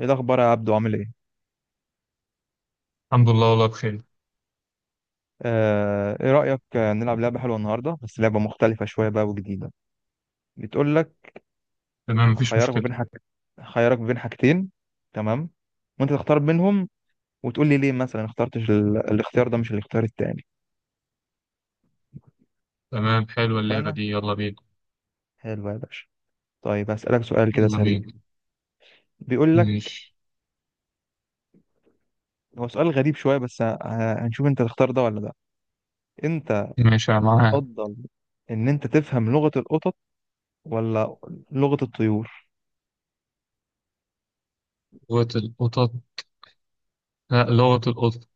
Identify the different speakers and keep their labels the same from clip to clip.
Speaker 1: ايه الاخبار يا عبدو، عامل ايه؟
Speaker 2: الحمد لله والله بخير.
Speaker 1: ايه رايك نلعب لعبه حلوه النهارده، بس لعبه مختلفه شويه بقى وجديده. بتقول لك،
Speaker 2: تمام، مفيش
Speaker 1: هخيرك ما
Speaker 2: مشكلة.
Speaker 1: بين حاج هخيرك ما بين حاجتين، تمام؟ وانت تختار بينهم وتقول لي ليه مثلا اخترتش الاختيار ده مش الاختيار التاني.
Speaker 2: تمام، حلوة اللعبة
Speaker 1: فانا
Speaker 2: دي، يلا بينا.
Speaker 1: حلو يا باشا. طيب، هسالك سؤال كده
Speaker 2: يلا
Speaker 1: سريع.
Speaker 2: بينا.
Speaker 1: بيقول لك،
Speaker 2: ماشي.
Speaker 1: هو سؤال غريب شويه بس هنشوف انت تختار ده ولا ده. انت
Speaker 2: ماشي، أنا معاها.
Speaker 1: تفضل ان انت تفهم لغه القطط ولا لغه الطيور؟
Speaker 2: لغة القطط. لا، لغة القطط.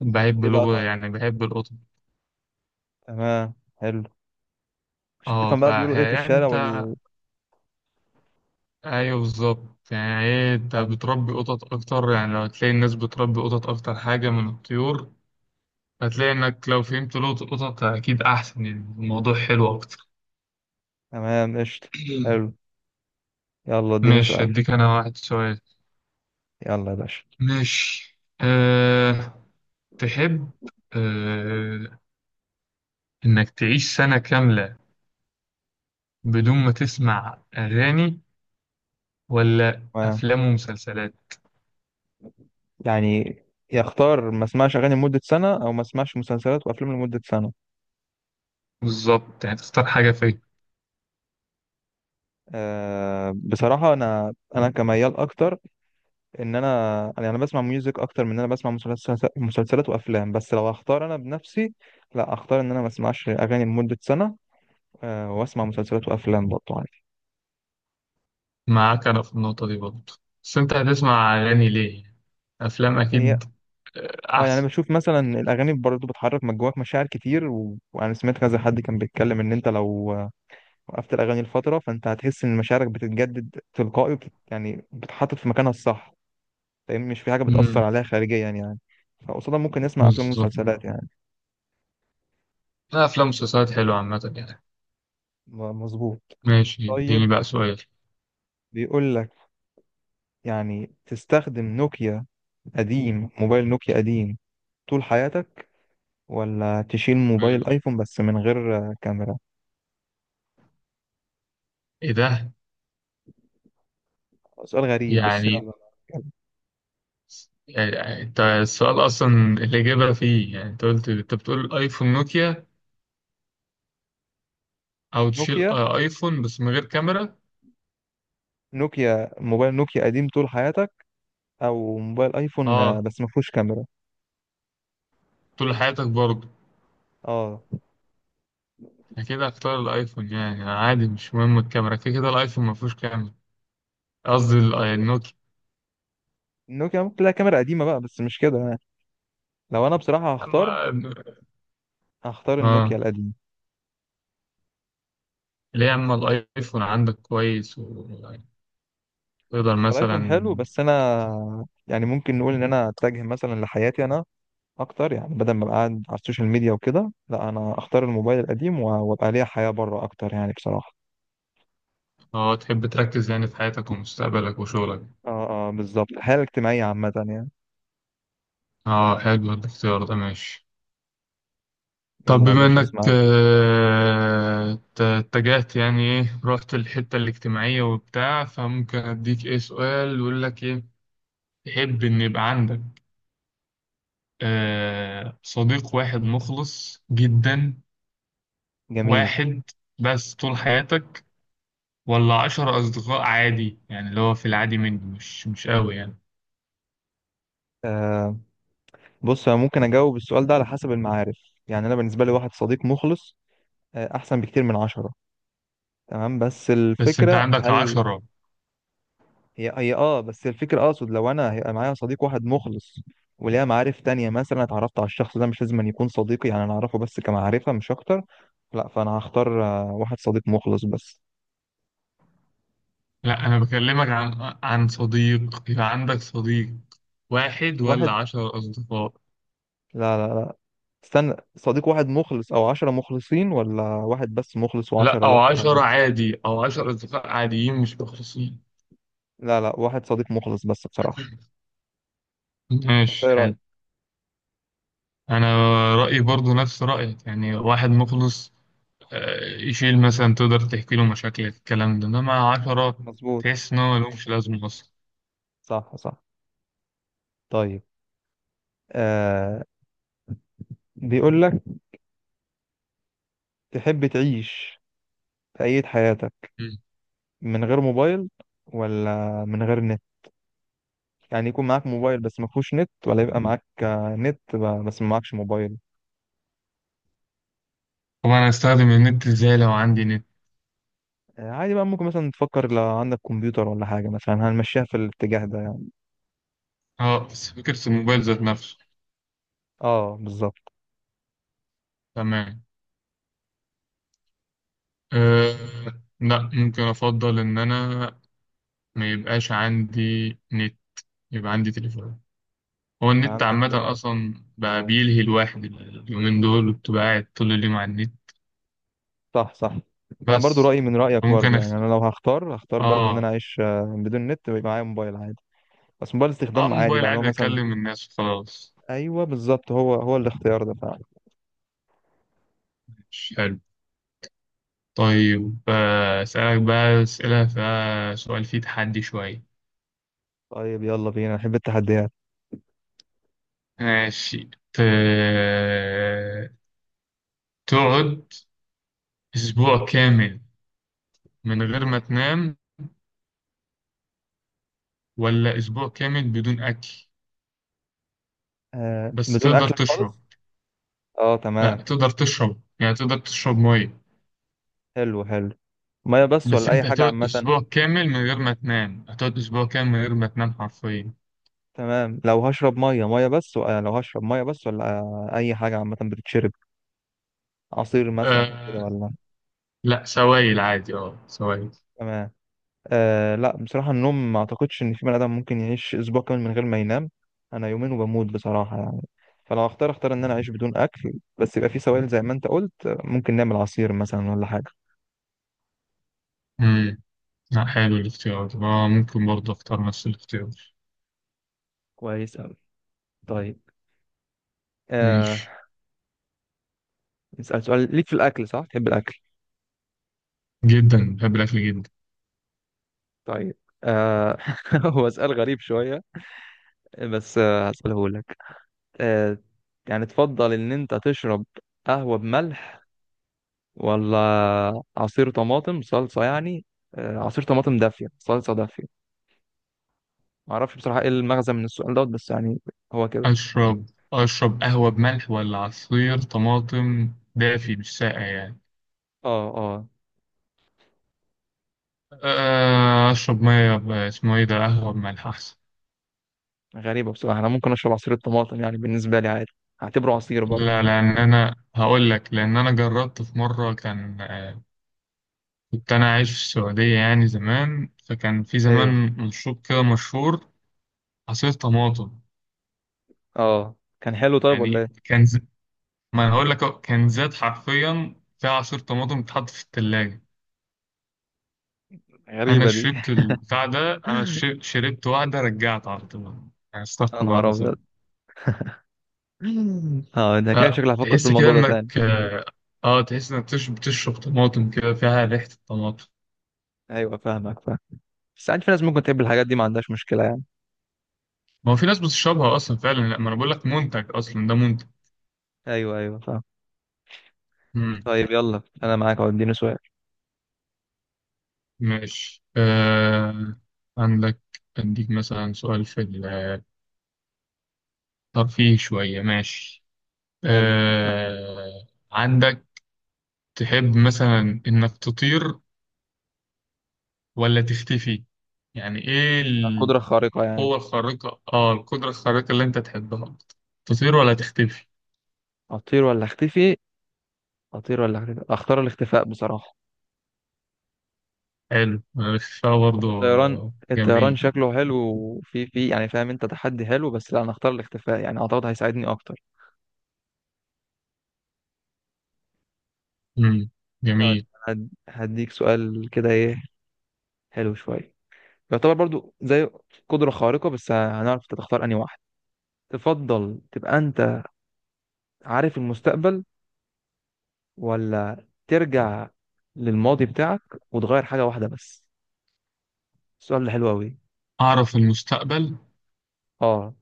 Speaker 2: بحب
Speaker 1: ليه بقى؟
Speaker 2: لغة
Speaker 1: طيب،
Speaker 2: يعني بحب القطط.
Speaker 1: تمام، حلو. مش
Speaker 2: اه
Speaker 1: تفهم
Speaker 2: ف
Speaker 1: بقى بيقولوا ايه في
Speaker 2: يعني
Speaker 1: الشارع
Speaker 2: انت، ايوه بالظبط، يعني ايه، انت
Speaker 1: تمام،
Speaker 2: بتربي قطط اكتر، يعني لو هتلاقي الناس بتربي قطط اكتر حاجة من الطيور، هتلاقي انك لو فهمت لغة القطط اكيد احسن، يعني الموضوع حلو اكتر.
Speaker 1: تمام، قشطة، حلو. يلا اديني
Speaker 2: ماشي،
Speaker 1: سؤال.
Speaker 2: اديك انا واحد سؤال.
Speaker 1: يلا يا باشا.
Speaker 2: ماشي تحب، آه، إنك تعيش سنة كاملة بدون ما تسمع أغاني ولا
Speaker 1: تمام،
Speaker 2: أفلام ومسلسلات؟
Speaker 1: يعني يختار ما اسمعش اغاني لمدة سنة او ما اسمعش مسلسلات وافلام لمدة سنة؟
Speaker 2: بالظبط، يعني تختار حاجة فين.
Speaker 1: بصراحة انا كميال اكتر، ان انا يعني انا بسمع ميوزك اكتر من ان انا بسمع مسلسلات وافلام، بس لو اختار انا بنفسي لا اختار ان انا ما اسمعش اغاني لمدة سنة. واسمع مسلسلات وافلام برضه عادي.
Speaker 2: معاك أنا في النقطة دي برضه، بس أنت هتسمع أغاني ليه؟ أفلام
Speaker 1: هي
Speaker 2: أكيد،
Speaker 1: اه يعني
Speaker 2: أحسن.
Speaker 1: بشوف مثلا الاغاني برضه بتحرك من جواك مشاعر كتير، وانا سمعت كذا حد كان بيتكلم ان انت لو وقفت الاغاني لفتره، فانت هتحس ان مشاعرك بتتجدد تلقائي يعني بتحطت في مكانها الصح، فاهم؟ مش في حاجه بتاثر
Speaker 2: مم.
Speaker 1: عليها خارجيا يعني. فقصادها ممكن نسمع افلام
Speaker 2: بالظبط.
Speaker 1: ومسلسلات يعني.
Speaker 2: لا، أفلام ومسلسلات حلوة عامة يعني.
Speaker 1: مظبوط.
Speaker 2: ماشي، اديني
Speaker 1: طيب،
Speaker 2: بقى سؤال.
Speaker 1: بيقول لك، يعني تستخدم نوكيا قديم موبايل نوكيا قديم طول حياتك، ولا تشيل موبايل
Speaker 2: ماشي.
Speaker 1: ايفون بس من غير كاميرا؟
Speaker 2: إيه ده؟
Speaker 1: سؤال غريب بس
Speaker 2: يعني
Speaker 1: يلا.
Speaker 2: أنت السؤال أصلا الإجابة فيه، يعني أنت قلت، أنت بتقول أيفون نوكيا او تشيل
Speaker 1: نوكيا،
Speaker 2: ايفون بس من غير كاميرا.
Speaker 1: موبايل نوكيا قديم طول حياتك، او موبايل ايفون
Speaker 2: اه،
Speaker 1: بس ما فيهوش كاميرا؟
Speaker 2: طول حياتك برضه؟
Speaker 1: اه،
Speaker 2: اكيد هختار الايفون يعني عادي، مش مهم الكاميرا، كده كده الايفون ما فيهوش كاميرا. قصدي النوكيا.
Speaker 1: النوكيا ممكن تلاقي كاميرا قديمه بقى، بس مش كده يعني. لو انا بصراحه هختار
Speaker 2: اما
Speaker 1: هختار النوكيا
Speaker 2: اه
Speaker 1: القديم.
Speaker 2: ليه، اما الايفون عندك كويس وتقدر
Speaker 1: هو
Speaker 2: مثلا؟
Speaker 1: الايفون حلو، بس انا يعني ممكن نقول ان انا اتجه مثلا لحياتي انا اكتر، يعني بدل ما ابقى قاعد على السوشيال ميديا وكده، لا انا اختار الموبايل القديم وابقى ليا حياه بره اكتر يعني بصراحه.
Speaker 2: اه، تحب تركز يعني في حياتك ومستقبلك وشغلك؟
Speaker 1: اه اه، بالظبط، الحياه الاجتماعيه عامه يعني.
Speaker 2: اه، حلو الاختيار ده، ماشي. طب
Speaker 1: يلا يا
Speaker 2: بما
Speaker 1: باشا،
Speaker 2: انك
Speaker 1: اسمعك.
Speaker 2: اتجهت يعني، ايه، رحت الحتة الاجتماعية وبتاع، فممكن اديك ايه سؤال يقول لك ايه. تحب إن يبقى عندك صديق واحد مخلص جدا،
Speaker 1: جميل.
Speaker 2: واحد بس طول حياتك، ولا 10 أصدقاء عادي يعني، اللي هو في العادي منه مش قوي يعني؟
Speaker 1: آه بص انا ممكن اجاوب السؤال ده على حسب المعارف. يعني انا بالنسبه لي واحد صديق مخلص احسن بكتير من 10. تمام، بس
Speaker 2: بس أنت
Speaker 1: الفكره
Speaker 2: عندك
Speaker 1: هل
Speaker 2: 10.
Speaker 1: هي هي اه بس الفكره اقصد لو انا هيبقى معايا صديق واحد مخلص وليها معارف تانية مثلا اتعرفت على الشخص ده، مش لازم أن يكون صديقي، يعني انا اعرفه بس كمعرفه مش اكتر. لا، فانا هختار واحد صديق مخلص بس،
Speaker 2: لا، أنا بكلمك عن صديق، يبقى عندك صديق واحد ولا
Speaker 1: واحد.
Speaker 2: 10 أصدقاء.
Speaker 1: لا لا لا، استنى، صديق واحد مخلص او 10 مخلصين، ولا واحد بس مخلص
Speaker 2: لا،
Speaker 1: و10؟
Speaker 2: أو
Speaker 1: لا، ولا.
Speaker 2: 10 عادي، أو 10 أصدقاء عاديين مش مخلصين.
Speaker 1: لا لا، واحد صديق مخلص بس بصراحه. انت
Speaker 2: ماشي،
Speaker 1: ايه رايك؟
Speaker 2: حلو. أنا رأيي برضو نفس رأيك، يعني واحد مخلص، يشيل، مثلا تقدر تحكي له مشاكل الكلام ده، انما 10
Speaker 1: مظبوط.
Speaker 2: تحس ان هو ملهمش لازمة اصلا.
Speaker 1: صح صح. طيب، آه بيقول لك، تحب تعيش في أية حياتك
Speaker 2: مم.
Speaker 1: من غير موبايل، ولا من غير نت؟ يعني يكون معاك موبايل بس ما فيهوش نت، ولا يبقى معاك نت بس ما معكش موبايل.
Speaker 2: طب انا هستخدم النت ازاي لو عندي نت؟
Speaker 1: عادي بقى، ممكن مثلا تفكر لو عندك كمبيوتر ولا حاجة، مثلا هنمشيها في الاتجاه ده يعني.
Speaker 2: اه، بس فكرة الموبايل ذات نفسه.
Speaker 1: اه بالظبط،
Speaker 2: تمام. أه لا، ممكن افضل ان انا ما يبقاش عندي نت، يبقى عندي تليفون. هو النت
Speaker 1: عندك
Speaker 2: عامة
Speaker 1: موبايل.
Speaker 2: اصلا بقى بيلهي الواحد اليومين دول، وبتبقى قاعد طول اليوم على النت.
Speaker 1: صح صح. انا برضو
Speaker 2: بس
Speaker 1: رأيي من رأيك،
Speaker 2: ممكن
Speaker 1: برضو
Speaker 2: أخ...
Speaker 1: يعني انا لو هختار برضو ان انا
Speaker 2: اه
Speaker 1: اعيش بدون نت ويبقى معايا موبايل عادي، بس موبايل
Speaker 2: اه
Speaker 1: استخدام عادي
Speaker 2: موبايل
Speaker 1: بقى، اللي هو
Speaker 2: عادي
Speaker 1: مثلا.
Speaker 2: اكلم الناس وخلاص.
Speaker 1: ايوه بالظبط، هو هو الاختيار ده.
Speaker 2: مش طيب، أسألك بقى أسئلة فيها سؤال فيه تحدي شوية.
Speaker 1: طيب، يلا بينا، أنا بحب التحديات.
Speaker 2: ماشي. ت... تقعد أسبوع كامل من غير ما تنام، ولا أسبوع كامل بدون أكل؟ بس
Speaker 1: بدون
Speaker 2: تقدر
Speaker 1: اكل
Speaker 2: تشرب.
Speaker 1: خالص. اه
Speaker 2: لا،
Speaker 1: تمام.
Speaker 2: تقدر تشرب يعني، تقدر تشرب مية.
Speaker 1: حلو حلو. ميه بس
Speaker 2: بس
Speaker 1: ولا اي
Speaker 2: أنت
Speaker 1: حاجه
Speaker 2: هتقعد
Speaker 1: عامه؟
Speaker 2: أسبوع كامل من غير ما تنام، هتقعد أسبوع كامل من غير ما تنام حرفيا.
Speaker 1: تمام، لو هشرب ميه، ميه بس ولا لو هشرب ميه بس ولا اي حاجه عامه بتتشرب، عصير مثلا وكده
Speaker 2: أه...
Speaker 1: ولا؟
Speaker 2: لا، سوائل عادي، سوائل.
Speaker 1: تمام. لا بصراحه، النوم ما اعتقدش ان في بني ادم ممكن يعيش اسبوع كامل من غير ما ينام. انا يومين وبموت بصراحه يعني. فلو اختار ان انا اعيش بدون اكل بس يبقى في سوائل زي ما انت قلت، ممكن نعمل عصير مثلا ولا حاجه.
Speaker 2: مم. لا، حلو الاختيار ده، ممكن برضه أختار نفس الاختيار.
Speaker 1: كويس أوي. طيب، آه
Speaker 2: ماشي.
Speaker 1: نسأل سؤال ليك في الأكل، صح؟ تحب الأكل.
Speaker 2: جدا، بحب الأكل جدا.
Speaker 1: طيب، آه هو سؤال غريب شوية، بس هسأله لك. آه يعني تفضل إن أنت تشرب قهوة بملح، ولا عصير طماطم صلصة يعني؟ عصير طماطم دافية، صلصة دافية. معرفش بصراحة إيه المغزى من السؤال دوت، بس يعني هو كده.
Speaker 2: أشرب، قهوة بملح ولا عصير طماطم دافي مش ساقع يعني؟
Speaker 1: آه آه
Speaker 2: أشرب اسمه إيه ده، قهوة بملح أحسن.
Speaker 1: غريبة بصراحة، أنا ممكن أشرب عصير الطماطم، يعني بالنسبة لي عادي، هعتبره عصير برضه.
Speaker 2: لا، لأن أنا هقول لك، لأن أنا جربت في مرة، كان كنت أنا عايش في السعودية يعني زمان، فكان في
Speaker 1: أيوه.
Speaker 2: زمان مشروب كده مشهور، عصير طماطم.
Speaker 1: آه كان حلو طيب ولا
Speaker 2: يعني
Speaker 1: إيه؟
Speaker 2: كان ما أنا هقول لك أهو، كان زاد حرفيا، في عصير طماطم بيتحط في التلاجة. انا
Speaker 1: غريبة دي.
Speaker 2: شربت البتاع ده، انا شربت واحده رجعت على طول يعني، استغفر
Speaker 1: أنا
Speaker 2: الله
Speaker 1: هرب.
Speaker 2: العظيم.
Speaker 1: اه ده كان
Speaker 2: لا،
Speaker 1: شكلي هفكر في
Speaker 2: تحس كده
Speaker 1: الموضوع ده تاني.
Speaker 2: انك تحس انك بتشرب طماطم كده فيها ريحه الطماطم.
Speaker 1: ايوه فاهمك، فاهم. بس ساعات في ناس ممكن تحب الحاجات دي، ما عندهاش مشكله يعني.
Speaker 2: ما هو في ناس بتشربها اصلا فعلا، لا، ما انا بقول لك منتج، اصلا ده منتج.
Speaker 1: ايوه ايوه، فاهم.
Speaker 2: مم.
Speaker 1: طيب، يلا انا معاك، اهو اديني سؤال.
Speaker 2: ماشي. آه عندك اديك مثلا سؤال في الترفيه شويه. ماشي.
Speaker 1: حلو.
Speaker 2: آه عندك تحب مثلا انك تطير ولا تختفي؟ يعني ايه؟
Speaker 1: قدره خارقه يعني؟
Speaker 2: القوة الخارقة اه القدرة الخارقة اللي انت تحبها أكتر. تطير ولا تختفي؟
Speaker 1: اطير ولا اختفي، اطير ولا اختفي؟ اختار الاختفاء بصراحه.
Speaker 2: حلو الاختفاء
Speaker 1: هو
Speaker 2: برضو،
Speaker 1: الطيران الطيران
Speaker 2: جميل.
Speaker 1: شكله حلو وفي في يعني فاهم، انت تحدي حلو، بس لا انا اختار الاختفاء. يعني اعتقد هيساعدني اكتر.
Speaker 2: مم.
Speaker 1: طيب،
Speaker 2: جميل.
Speaker 1: هديك سؤال كده، ايه، حلو شويه. يعتبر برضو زي قدره خارقه، بس هنعرف انت تختار انهي واحد. تفضل تبقى انت عارف المستقبل، ولا ترجع للماضي بتاعك وتغير حاجة واحدة بس. السؤال ده حلو أوي.
Speaker 2: أعرف المستقبل.
Speaker 1: اه،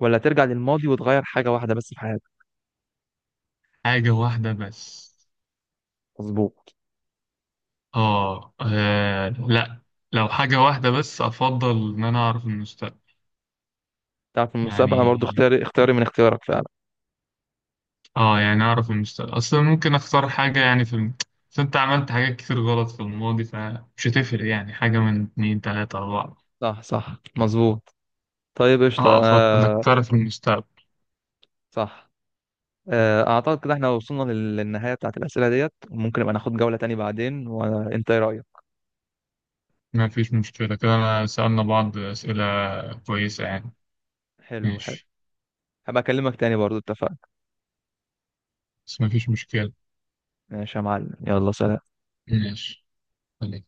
Speaker 1: ولا ترجع للماضي وتغير حاجة واحدة بس في حياتك.
Speaker 2: حاجة واحدة بس.
Speaker 1: مظبوط.
Speaker 2: لا، لو حاجة واحدة بس، أفضل إن أنا أعرف المستقبل.
Speaker 1: تعرف المستقبل. أنا
Speaker 2: يعني،
Speaker 1: برضو اختياري من اختيارك فعلا.
Speaker 2: يعني أعرف المستقبل أصلا ممكن أختار حاجة يعني، بس أنت عملت حاجات كتير غلط في الماضي، فمش هتفرق يعني، حاجة من اتنين تلاتة أربعة.
Speaker 1: صح صح، مظبوط. طيب، قشطة.
Speaker 2: أفضل إنك تعرف المستقبل.
Speaker 1: صح. أعتقد كده احنا وصلنا للنهاية بتاعت الأسئلة ديت، وممكن نبقى ناخد جولة تاني بعدين، وأنت إيه رأيك؟
Speaker 2: ما فيش مشكلة كده، أنا سألنا بعض أسئلة كويسة يعني.
Speaker 1: حلو حلو.
Speaker 2: ماشي.
Speaker 1: هبقى أكلمك تاني برضو، اتفقنا.
Speaker 2: بس ما فيش مشكلة.
Speaker 1: ماشي يا معلم، يلا سلام.
Speaker 2: ماشي، خليك.